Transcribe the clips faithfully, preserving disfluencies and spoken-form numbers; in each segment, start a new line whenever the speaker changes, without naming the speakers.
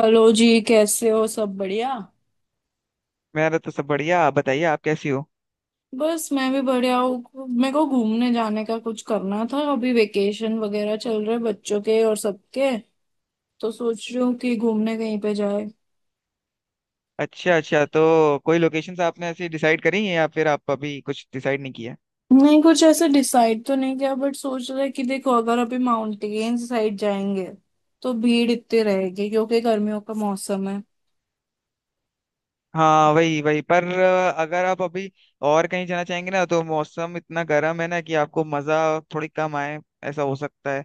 Hello जी, कैसे हो? सब बढ़िया।
मेरा तो सब बढ़िया। आप बताइए, आप कैसी हो?
बस मैं भी बढ़िया हूँ। मेरे को घूमने जाने का कुछ करना था। अभी वेकेशन वगैरह चल रहे बच्चों के और सबके। तो सोच रही हूँ कि घूमने कहीं पे जाए।
अच्छा अच्छा। तो कोई लोकेशंस आपने ऐसी डिसाइड करी हैं या फिर आप अभी कुछ डिसाइड नहीं किया?
नहीं, कुछ ऐसे डिसाइड तो नहीं किया बट सोच रहे कि देखो, अगर अभी माउंटेन साइड जाएंगे तो भीड़ इतनी रहेगी क्योंकि गर्मियों का मौसम है।
हाँ, वही वही पर अ, अगर आप अभी और कहीं जाना चाहेंगे ना तो मौसम इतना गर्म है ना कि आपको मज़ा थोड़ी कम आए। ऐसा हो सकता है।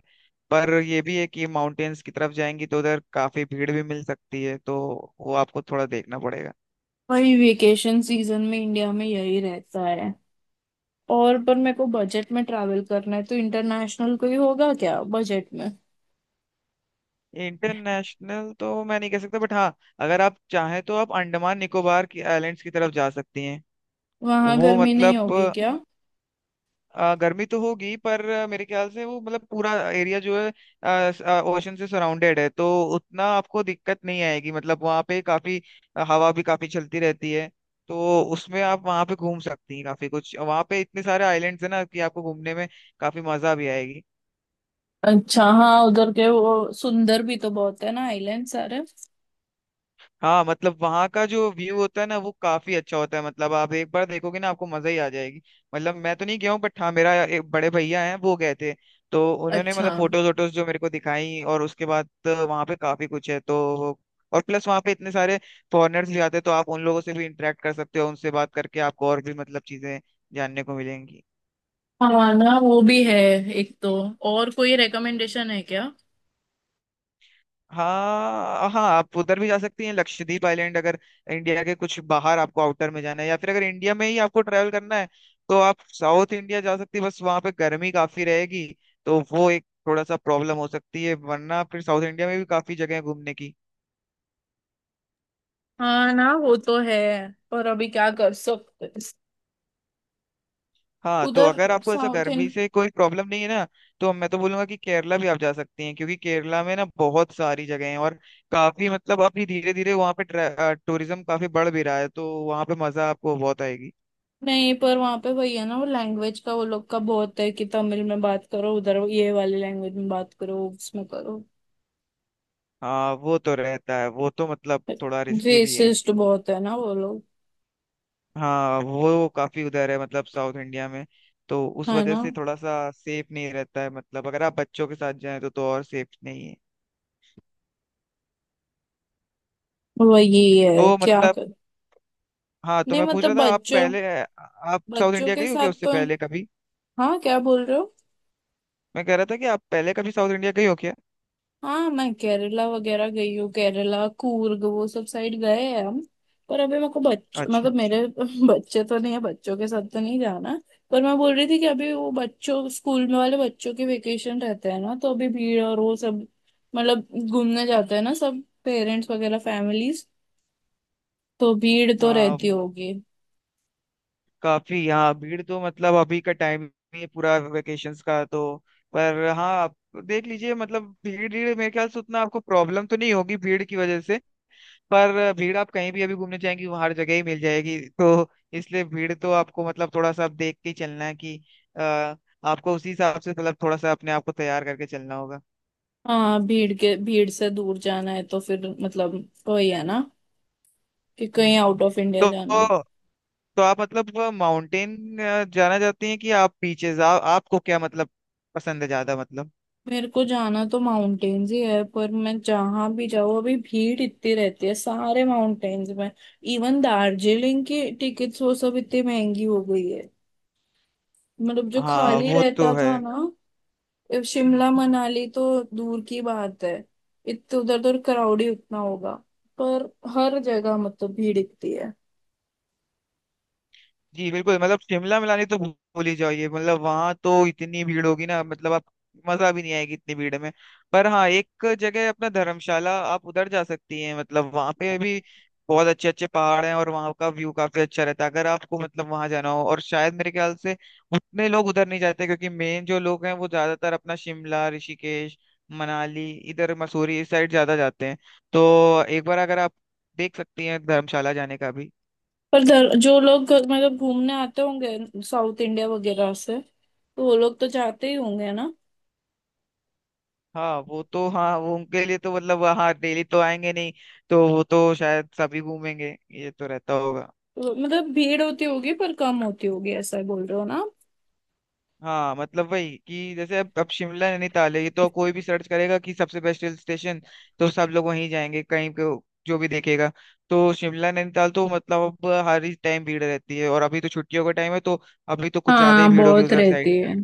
पर ये भी है कि माउंटेन्स की तरफ जाएंगी तो उधर काफ़ी भीड़ भी मिल सकती है, तो वो आपको थोड़ा देखना पड़ेगा।
वही वेकेशन सीजन में इंडिया में यही रहता है। और पर मेरे को बजट में ट्रैवल करना है, तो इंटरनेशनल कोई होगा क्या बजट में?
इंटरनेशनल तो मैं नहीं कह सकता, बट हाँ, अगर आप चाहें तो आप अंडमान निकोबार की आइलैंड्स की तरफ जा सकती हैं।
वहां
वो
गर्मी नहीं होगी
मतलब
क्या?
अ, गर्मी तो होगी, पर आ, मेरे ख्याल से वो मतलब पूरा एरिया जो है ओशन से सराउंडेड है, तो उतना आपको दिक्कत नहीं आएगी। मतलब वहाँ पे काफी अ, हवा भी काफी चलती रहती है, तो उसमें आप वहाँ पे घूम सकती हैं। काफी कुछ वहाँ पे इतने सारे आइलैंड्स हैं ना कि आपको घूमने में काफी मजा भी आएगी।
अच्छा। हाँ, उधर के वो सुंदर भी तो बहुत है ना आइलैंड सारे।
हाँ मतलब वहाँ का जो व्यू होता है ना वो काफी अच्छा होता है। मतलब आप एक बार देखोगे ना आपको मजा ही आ जाएगी। मतलब मैं तो नहीं गया हूँ, बट हाँ, मेरा एक बड़े भैया हैं वो गए थे। तो उन्होंने
अच्छा।
मतलब फोटोज वोटोज जो मेरे को दिखाई, और उसके बाद तो वहाँ पे काफी कुछ है। तो और प्लस वहाँ पे इतने सारे फॉरेनर्स भी आते हैं, तो आप उन लोगों से भी इंटरेक्ट कर सकते हो। उनसे बात करके आपको और भी मतलब चीजें जानने को मिलेंगी।
हाँ ना, वो भी है। एक तो। और कोई रेकमेंडेशन है क्या?
हाँ हाँ, आप उधर भी जा सकती हैं, लक्षद्वीप आइलैंड। अगर इंडिया के कुछ बाहर आपको आउटर में जाना है या फिर अगर इंडिया में ही आपको ट्रैवल करना है, तो आप साउथ इंडिया जा सकती हैं। बस वहाँ पे गर्मी काफी रहेगी, तो वो एक थोड़ा सा प्रॉब्लम हो सकती है। वरना फिर साउथ इंडिया में भी काफी जगह है घूमने की।
हाँ ना, वो तो है। पर अभी क्या कर सकते हैं।
हाँ, तो
उधर
अगर आपको ऐसा
साउथ इंड
गर्मी से कोई प्रॉब्लम नहीं है ना, तो मैं तो बोलूंगा कि केरला भी आप जा सकती हैं, क्योंकि केरला में ना बहुत सारी जगह हैं। और काफी मतलब अभी धीरे धीरे वहाँ पे टूरिज्म काफी बढ़ भी रहा है, तो वहाँ पे मजा आपको बहुत आएगी।
नहीं, पर वहां पे वही है ना, वो लैंग्वेज का, वो लोग का बहुत है कि तमिल में बात करो, उधर ये वाली लैंग्वेज में बात करो, उसमें करो।
हाँ वो तो रहता है, वो तो मतलब थोड़ा रिस्की भी है।
रेसिस्ट बहुत है ना वो लोग।
हाँ वो काफी उधर है मतलब साउथ इंडिया में। तो उस
है
वजह
ना।
से थोड़ा सा सेफ नहीं रहता है। मतलब अगर आप बच्चों के साथ जाएं तो तो और सेफ नहीं है।
वही है
तो
क्या?
मतलब हाँ, तो
नहीं
मैं पूछ
मतलब
रहा था आप
बच्चों
पहले आप साउथ
बच्चों
इंडिया
के
गई हो
साथ
क्या उससे
तो।
पहले कभी?
हाँ, क्या बोल रहे हो?
मैं कह रहा था कि आप पहले कभी साउथ इंडिया गई हो क्या?
हाँ, मैं केरला वगैरह गई हूँ। केरला, कूर्ग वो सब साइड गए हैं हम। पर अभी मेरे को बच्चे
अच्छा।
मतलब मेरे बच्चे तो नहीं है, बच्चों के साथ तो नहीं जाना। पर मैं बोल रही थी कि अभी वो बच्चों स्कूल में वाले बच्चों के वेकेशन रहते हैं ना, तो अभी भीड़ और वो सब। मतलब घूमने जाते हैं ना सब पेरेंट्स वगैरह फैमिलीज। तो भीड़ तो
हाँ
रहती होगी।
काफी, हाँ भीड़ तो मतलब अभी का टाइम ही है पूरा वेकेशंस का तो। पर हाँ आप देख लीजिए। मतलब भीड़ भीड़ मेरे ख्याल से उतना आपको प्रॉब्लम तो नहीं होगी भीड़ की वजह से। पर भीड़ आप कहीं भी अभी घूमने जाएंगी वहाँ हर जगह ही मिल जाएगी, तो इसलिए भीड़ तो आपको मतलब थोड़ा सा आप देख के ही चलना है कि अ, आपको उसी हिसाब से मतलब थोड़ा सा अपने आप को तैयार करके चलना होगा।
हाँ, भीड़ के भीड़ से दूर जाना है तो फिर मतलब वही है ना, कि कहीं
हम्म।
आउट ऑफ इंडिया
तो
जाना।
तो आप मतलब माउंटेन जाना चाहती हैं कि आप बीचेस, आप आपको क्या मतलब पसंद है ज्यादा मतलब?
मेरे को जाना तो माउंटेन्स ही है। पर मैं जहां भी जाऊँ अभी भीड़ इतनी रहती है सारे माउंटेन्स में। इवन दार्जिलिंग की टिकट्स वो सब इतनी महंगी हो गई है। मतलब जो
हाँ
खाली
वो तो
रहता
है।
था ना। ए,
हम्म।
शिमला मनाली तो दूर की बात है। इतने उधर उधर क्राउड ही उतना होगा। पर हर जगह मतलब भीड़ इतनी है।
जी बिल्कुल। मतलब शिमला मिलानी तो भू- भूल ही जाइए। मतलब वहां तो इतनी भीड़ होगी ना मतलब आप मजा भी नहीं आएगी इतनी भीड़ में। पर हाँ एक जगह है अपना धर्मशाला, आप उधर जा सकती हैं। मतलब वहां पे भी बहुत अच्छे अच्छे पहाड़ हैं और वहां का व्यू काफी अच्छा रहता है, अगर आपको मतलब वहां जाना हो। और शायद मेरे ख्याल से उतने लोग उधर नहीं जाते, क्योंकि मेन जो लोग हैं वो ज्यादातर अपना शिमला ऋषिकेश मनाली इधर मसूरी इस साइड ज्यादा जाते हैं। तो एक बार अगर आप देख सकती हैं धर्मशाला जाने का भी।
पर दर, जो लोग मतलब घूमने आते होंगे साउथ इंडिया वगैरह से, तो वो लोग तो जाते ही होंगे ना।
हाँ वो तो हाँ वो उनके लिए तो मतलब हाँ डेली तो आएंगे नहीं, तो वो तो शायद सभी घूमेंगे ये तो रहता होगा।
मतलब भीड़ होती होगी पर कम होती होगी, ऐसा बोल रहे हो ना आप?
हाँ मतलब वही, कि जैसे अब अब शिमला नैनीताल है, ये तो कोई भी सर्च करेगा कि सबसे बेस्ट हिल स्टेशन, तो सब लोग वहीं जाएंगे कहीं पे जो भी देखेगा। तो शिमला नैनीताल तो मतलब अब हर ही टाइम भीड़ रहती है, और अभी तो छुट्टियों का टाइम है, तो अभी तो कुछ ज्यादा ही
हाँ,
भीड़ होगी
बहुत
उधर साइड।
रहती है।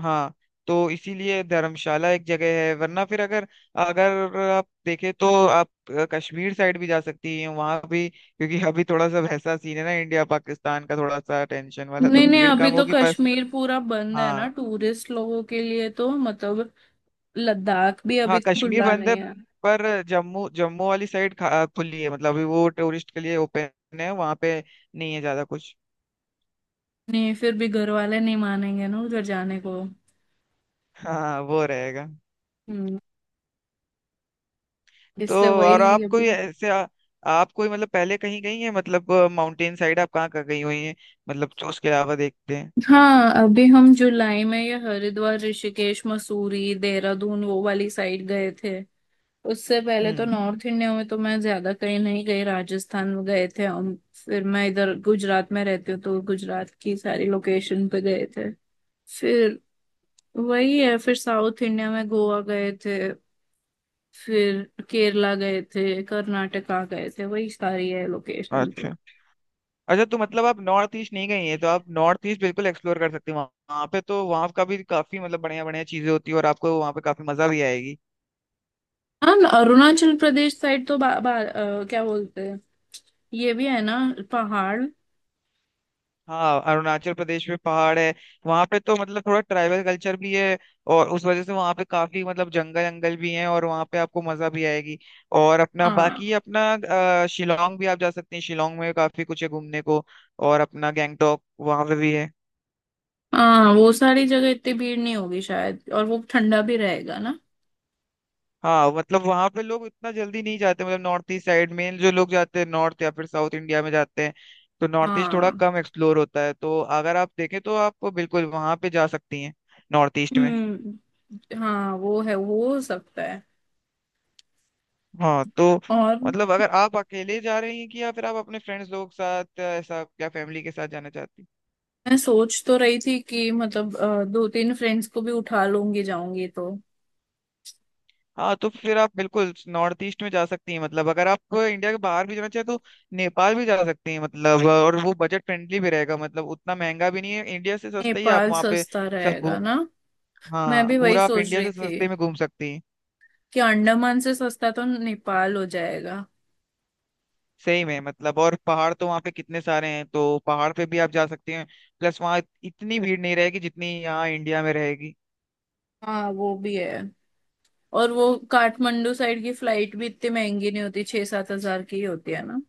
हाँ, तो इसीलिए धर्मशाला एक जगह है। वरना फिर अगर अगर आप देखें तो आप अ, कश्मीर साइड भी जा सकती हैं, वहां भी, क्योंकि अभी थोड़ा सा वैसा सीन है ना इंडिया पाकिस्तान का, थोड़ा सा टेंशन वाला, तो
नहीं नहीं,
भीड़
हम्म अभी
कम
तो
होगी पर।
कश्मीर पूरा बंद है ना
हाँ।
टूरिस्ट लोगों के लिए, तो मतलब लद्दाख भी अभी
हाँ कश्मीर
खुला
बंद है।
नहीं है।
पर जम्मू, जम्मू वाली साइड खा- खुली है। मतलब अभी वो टूरिस्ट के लिए ओपन है। वहां पे नहीं है ज्यादा कुछ।
नहीं, फिर भी घर वाले नहीं मानेंगे ना उधर जाने को।
हाँ वो रहेगा।
हम्म।
तो
इसलिए तो
और
वही
आप
अभी।
कोई ऐसे आ- आप कोई मतलब पहले कहीं गई हैं, मतलब माउंटेन साइड आप कहाँ कहाँ गई हुई हैं, मतलब जो उसके अलावा देखते हैं।
हाँ, अभी हम जुलाई में ये हरिद्वार, ऋषिकेश, मसूरी, देहरादून वो वाली साइड गए थे। उससे पहले तो
हम्म।
नॉर्थ इंडिया में तो मैं ज्यादा कहीं नहीं गई। राजस्थान में गए थे, और फिर मैं इधर गुजरात में रहती हूँ, तो गुजरात की सारी लोकेशन पे गए थे। फिर वही है। फिर साउथ इंडिया में गोवा गए थे। फिर केरला गए थे, कर्नाटका गए थे, वही सारी है लोकेशन तो।
अच्छा अच्छा। तो मतलब आप नॉर्थ ईस्ट नहीं गई हैं, तो आप नॉर्थ ईस्ट बिल्कुल एक्सप्लोर कर सकते हैं वहाँ वहाँ पे तो वहाँ का भी काफी मतलब बढ़िया बढ़िया चीजें होती है और आपको वहाँ पे काफी मजा भी आएगी।
हाँ, न- अरुणाचल प्रदेश साइड तो बा, बा, अ, क्या बोलते हैं, ये भी है ना, पहाड़।
हाँ अरुणाचल प्रदेश में पहाड़ है। वहां पे तो मतलब थोड़ा ट्राइबल कल्चर भी है, और उस वजह से वहां पे काफी मतलब जंगल जंगल भी हैं, और वहां पे आपको मजा भी आएगी। और अपना
हाँ,
बाकी अपना अ, शिलोंग भी आप जा सकते हैं। शिलोंग में काफी कुछ है घूमने को। और अपना गैंगटॉक वहां पे भी है।
हाँ वो सारी जगह इतनी भीड़ नहीं होगी शायद, और वो ठंडा भी रहेगा ना।
हाँ मतलब वहां पे लोग इतना जल्दी नहीं जाते। मतलब नॉर्थ ईस्ट साइड में जो लोग जाते हैं नॉर्थ या फिर साउथ इंडिया में जाते हैं, तो नॉर्थ ईस्ट थोड़ा
हाँ,
कम एक्सप्लोर होता है। तो अगर आप देखें तो आप बिल्कुल वहां पे जा सकती हैं, नॉर्थ ईस्ट में।
हम्म, हाँ, वो है, वो हो सकता है।
हाँ तो
और
मतलब अगर आप अकेले जा रही हैं कि या फिर आप अपने फ्रेंड्स लोग के साथ या ऐसा क्या फैमिली के साथ जाना चाहती हैं?
मैं सोच तो रही थी कि मतलब अ, दो तीन फ्रेंड्स को भी उठा लूंगी जाऊंगी तो।
हाँ तो फिर आप बिल्कुल नॉर्थ ईस्ट में जा सकती हैं। मतलब अगर आप इंडिया के बाहर भी जाना चाहें तो नेपाल भी जा सकती हैं। मतलब और वो बजट फ्रेंडली भी रहेगा, मतलब उतना महंगा भी नहीं है, इंडिया से सस्ता ही है। आप
नेपाल
वहाँ पे
सस्ता
सब
रहेगा
घूम,
ना? मैं
हाँ
भी वही
पूरा आप
सोच
इंडिया
रही
से
थी
सस्ते में घूम सकती हैं।
कि अंडमान से सस्ता तो नेपाल हो जाएगा।
सही में मतलब और पहाड़ तो वहाँ पे कितने सारे हैं, तो पहाड़ पे भी आप जा सकती हैं। प्लस वहाँ इतनी भीड़ नहीं रहेगी जितनी यहाँ इंडिया में रहेगी।
हाँ, वो भी है। और वो काठमांडू साइड की फ्लाइट भी इतनी महंगी नहीं होती, छह सात हजार की ही होती है ना।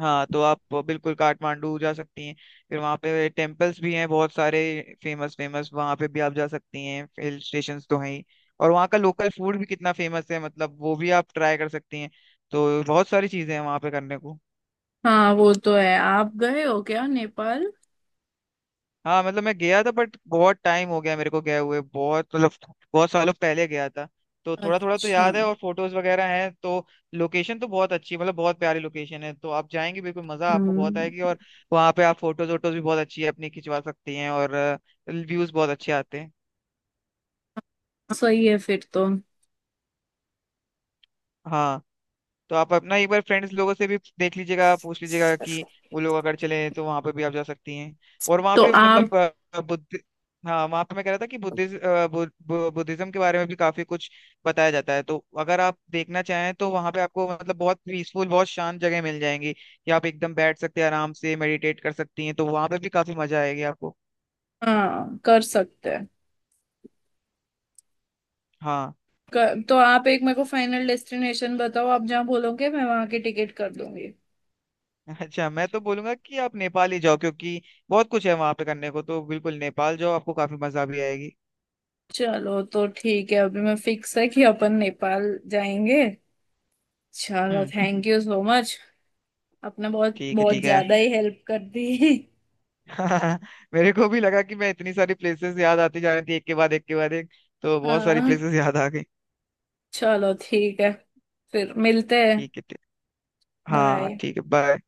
हाँ तो आप बिल्कुल काठमांडू जा सकती हैं। फिर वहाँ पे टेम्पल्स भी हैं बहुत सारे, फेमस फेमस। वहाँ पे भी आप जा सकती हैं, हिल स्टेशंस तो हैं ही। और वहाँ का लोकल फूड भी कितना फेमस है, मतलब वो भी आप ट्राई कर सकती हैं। तो बहुत सारी चीज़ें हैं वहाँ पे करने को।
हाँ, वो तो है। आप गए हो क्या नेपाल?
हाँ मतलब मैं गया था, बट बहुत टाइम हो गया मेरे को गए हुए, बहुत मतलब बहुत सालों पहले गया था। तो थोड़ा थोड़ा तो
अच्छा।
याद है, और फोटोज वगैरह हैं तो लोकेशन तो बहुत अच्छी, मतलब बहुत प्यारी लोकेशन है। तो आप जाएंगे बिल्कुल, मजा आपको बहुत
हम्म।
आएगी। और वहाँ पे आप फोटोज वोटोज भी बहुत अच्छी अपनी खिंचवा सकती हैं, और व्यूज बहुत अच्छे आते हैं।
सही है फिर तो।
हाँ तो आप अपना एक बार फ्रेंड्स लोगों से भी देख लीजिएगा, पूछ लीजिएगा कि वो लोग अगर चले तो वहां पे भी आप जा सकती हैं। और वहां
तो
पे
आप।
मतलब अ, बुद्ध, हाँ वहां पे मैं कह रहा था कि बुद्धिज्म बुद्धिज्म के बारे में भी काफी कुछ बताया जाता है। तो अगर आप देखना चाहें तो वहां पे आपको मतलब बहुत पीसफुल, बहुत शांत जगह मिल जाएंगी कि आप एकदम बैठ सकते हैं आराम से, मेडिटेट कर सकती हैं। तो वहां पे भी काफी मजा आएगी आपको।
हाँ, कर सकते हैं।
हाँ।
कर, तो आप एक मेरे को फाइनल डेस्टिनेशन बताओ, आप जहाँ बोलोगे मैं वहां की टिकट कर दूंगी।
अच्छा, मैं तो बोलूंगा कि आप नेपाल ही जाओ, क्योंकि बहुत कुछ है वहां पे करने को। तो बिल्कुल नेपाल जाओ, आपको काफी मजा भी आएगी।
चलो तो ठीक है, अभी मैं फिक्स है कि अपन नेपाल जाएंगे। चलो,
हम्म।
Thank you so much. आपने बहुत
ठीक है,
बहुत
ठीक है।
ज्यादा ही हेल्प कर दी।
मेरे को भी लगा कि मैं, इतनी सारी प्लेसेस याद आती जा रही थी, एक के बाद एक के बाद एक, तो बहुत सारी
हाँ।
प्लेसेस याद आ गई।
चलो ठीक है। फिर मिलते हैं।
ठीक है ठीक। हाँ
बाय।
ठीक है, बाय।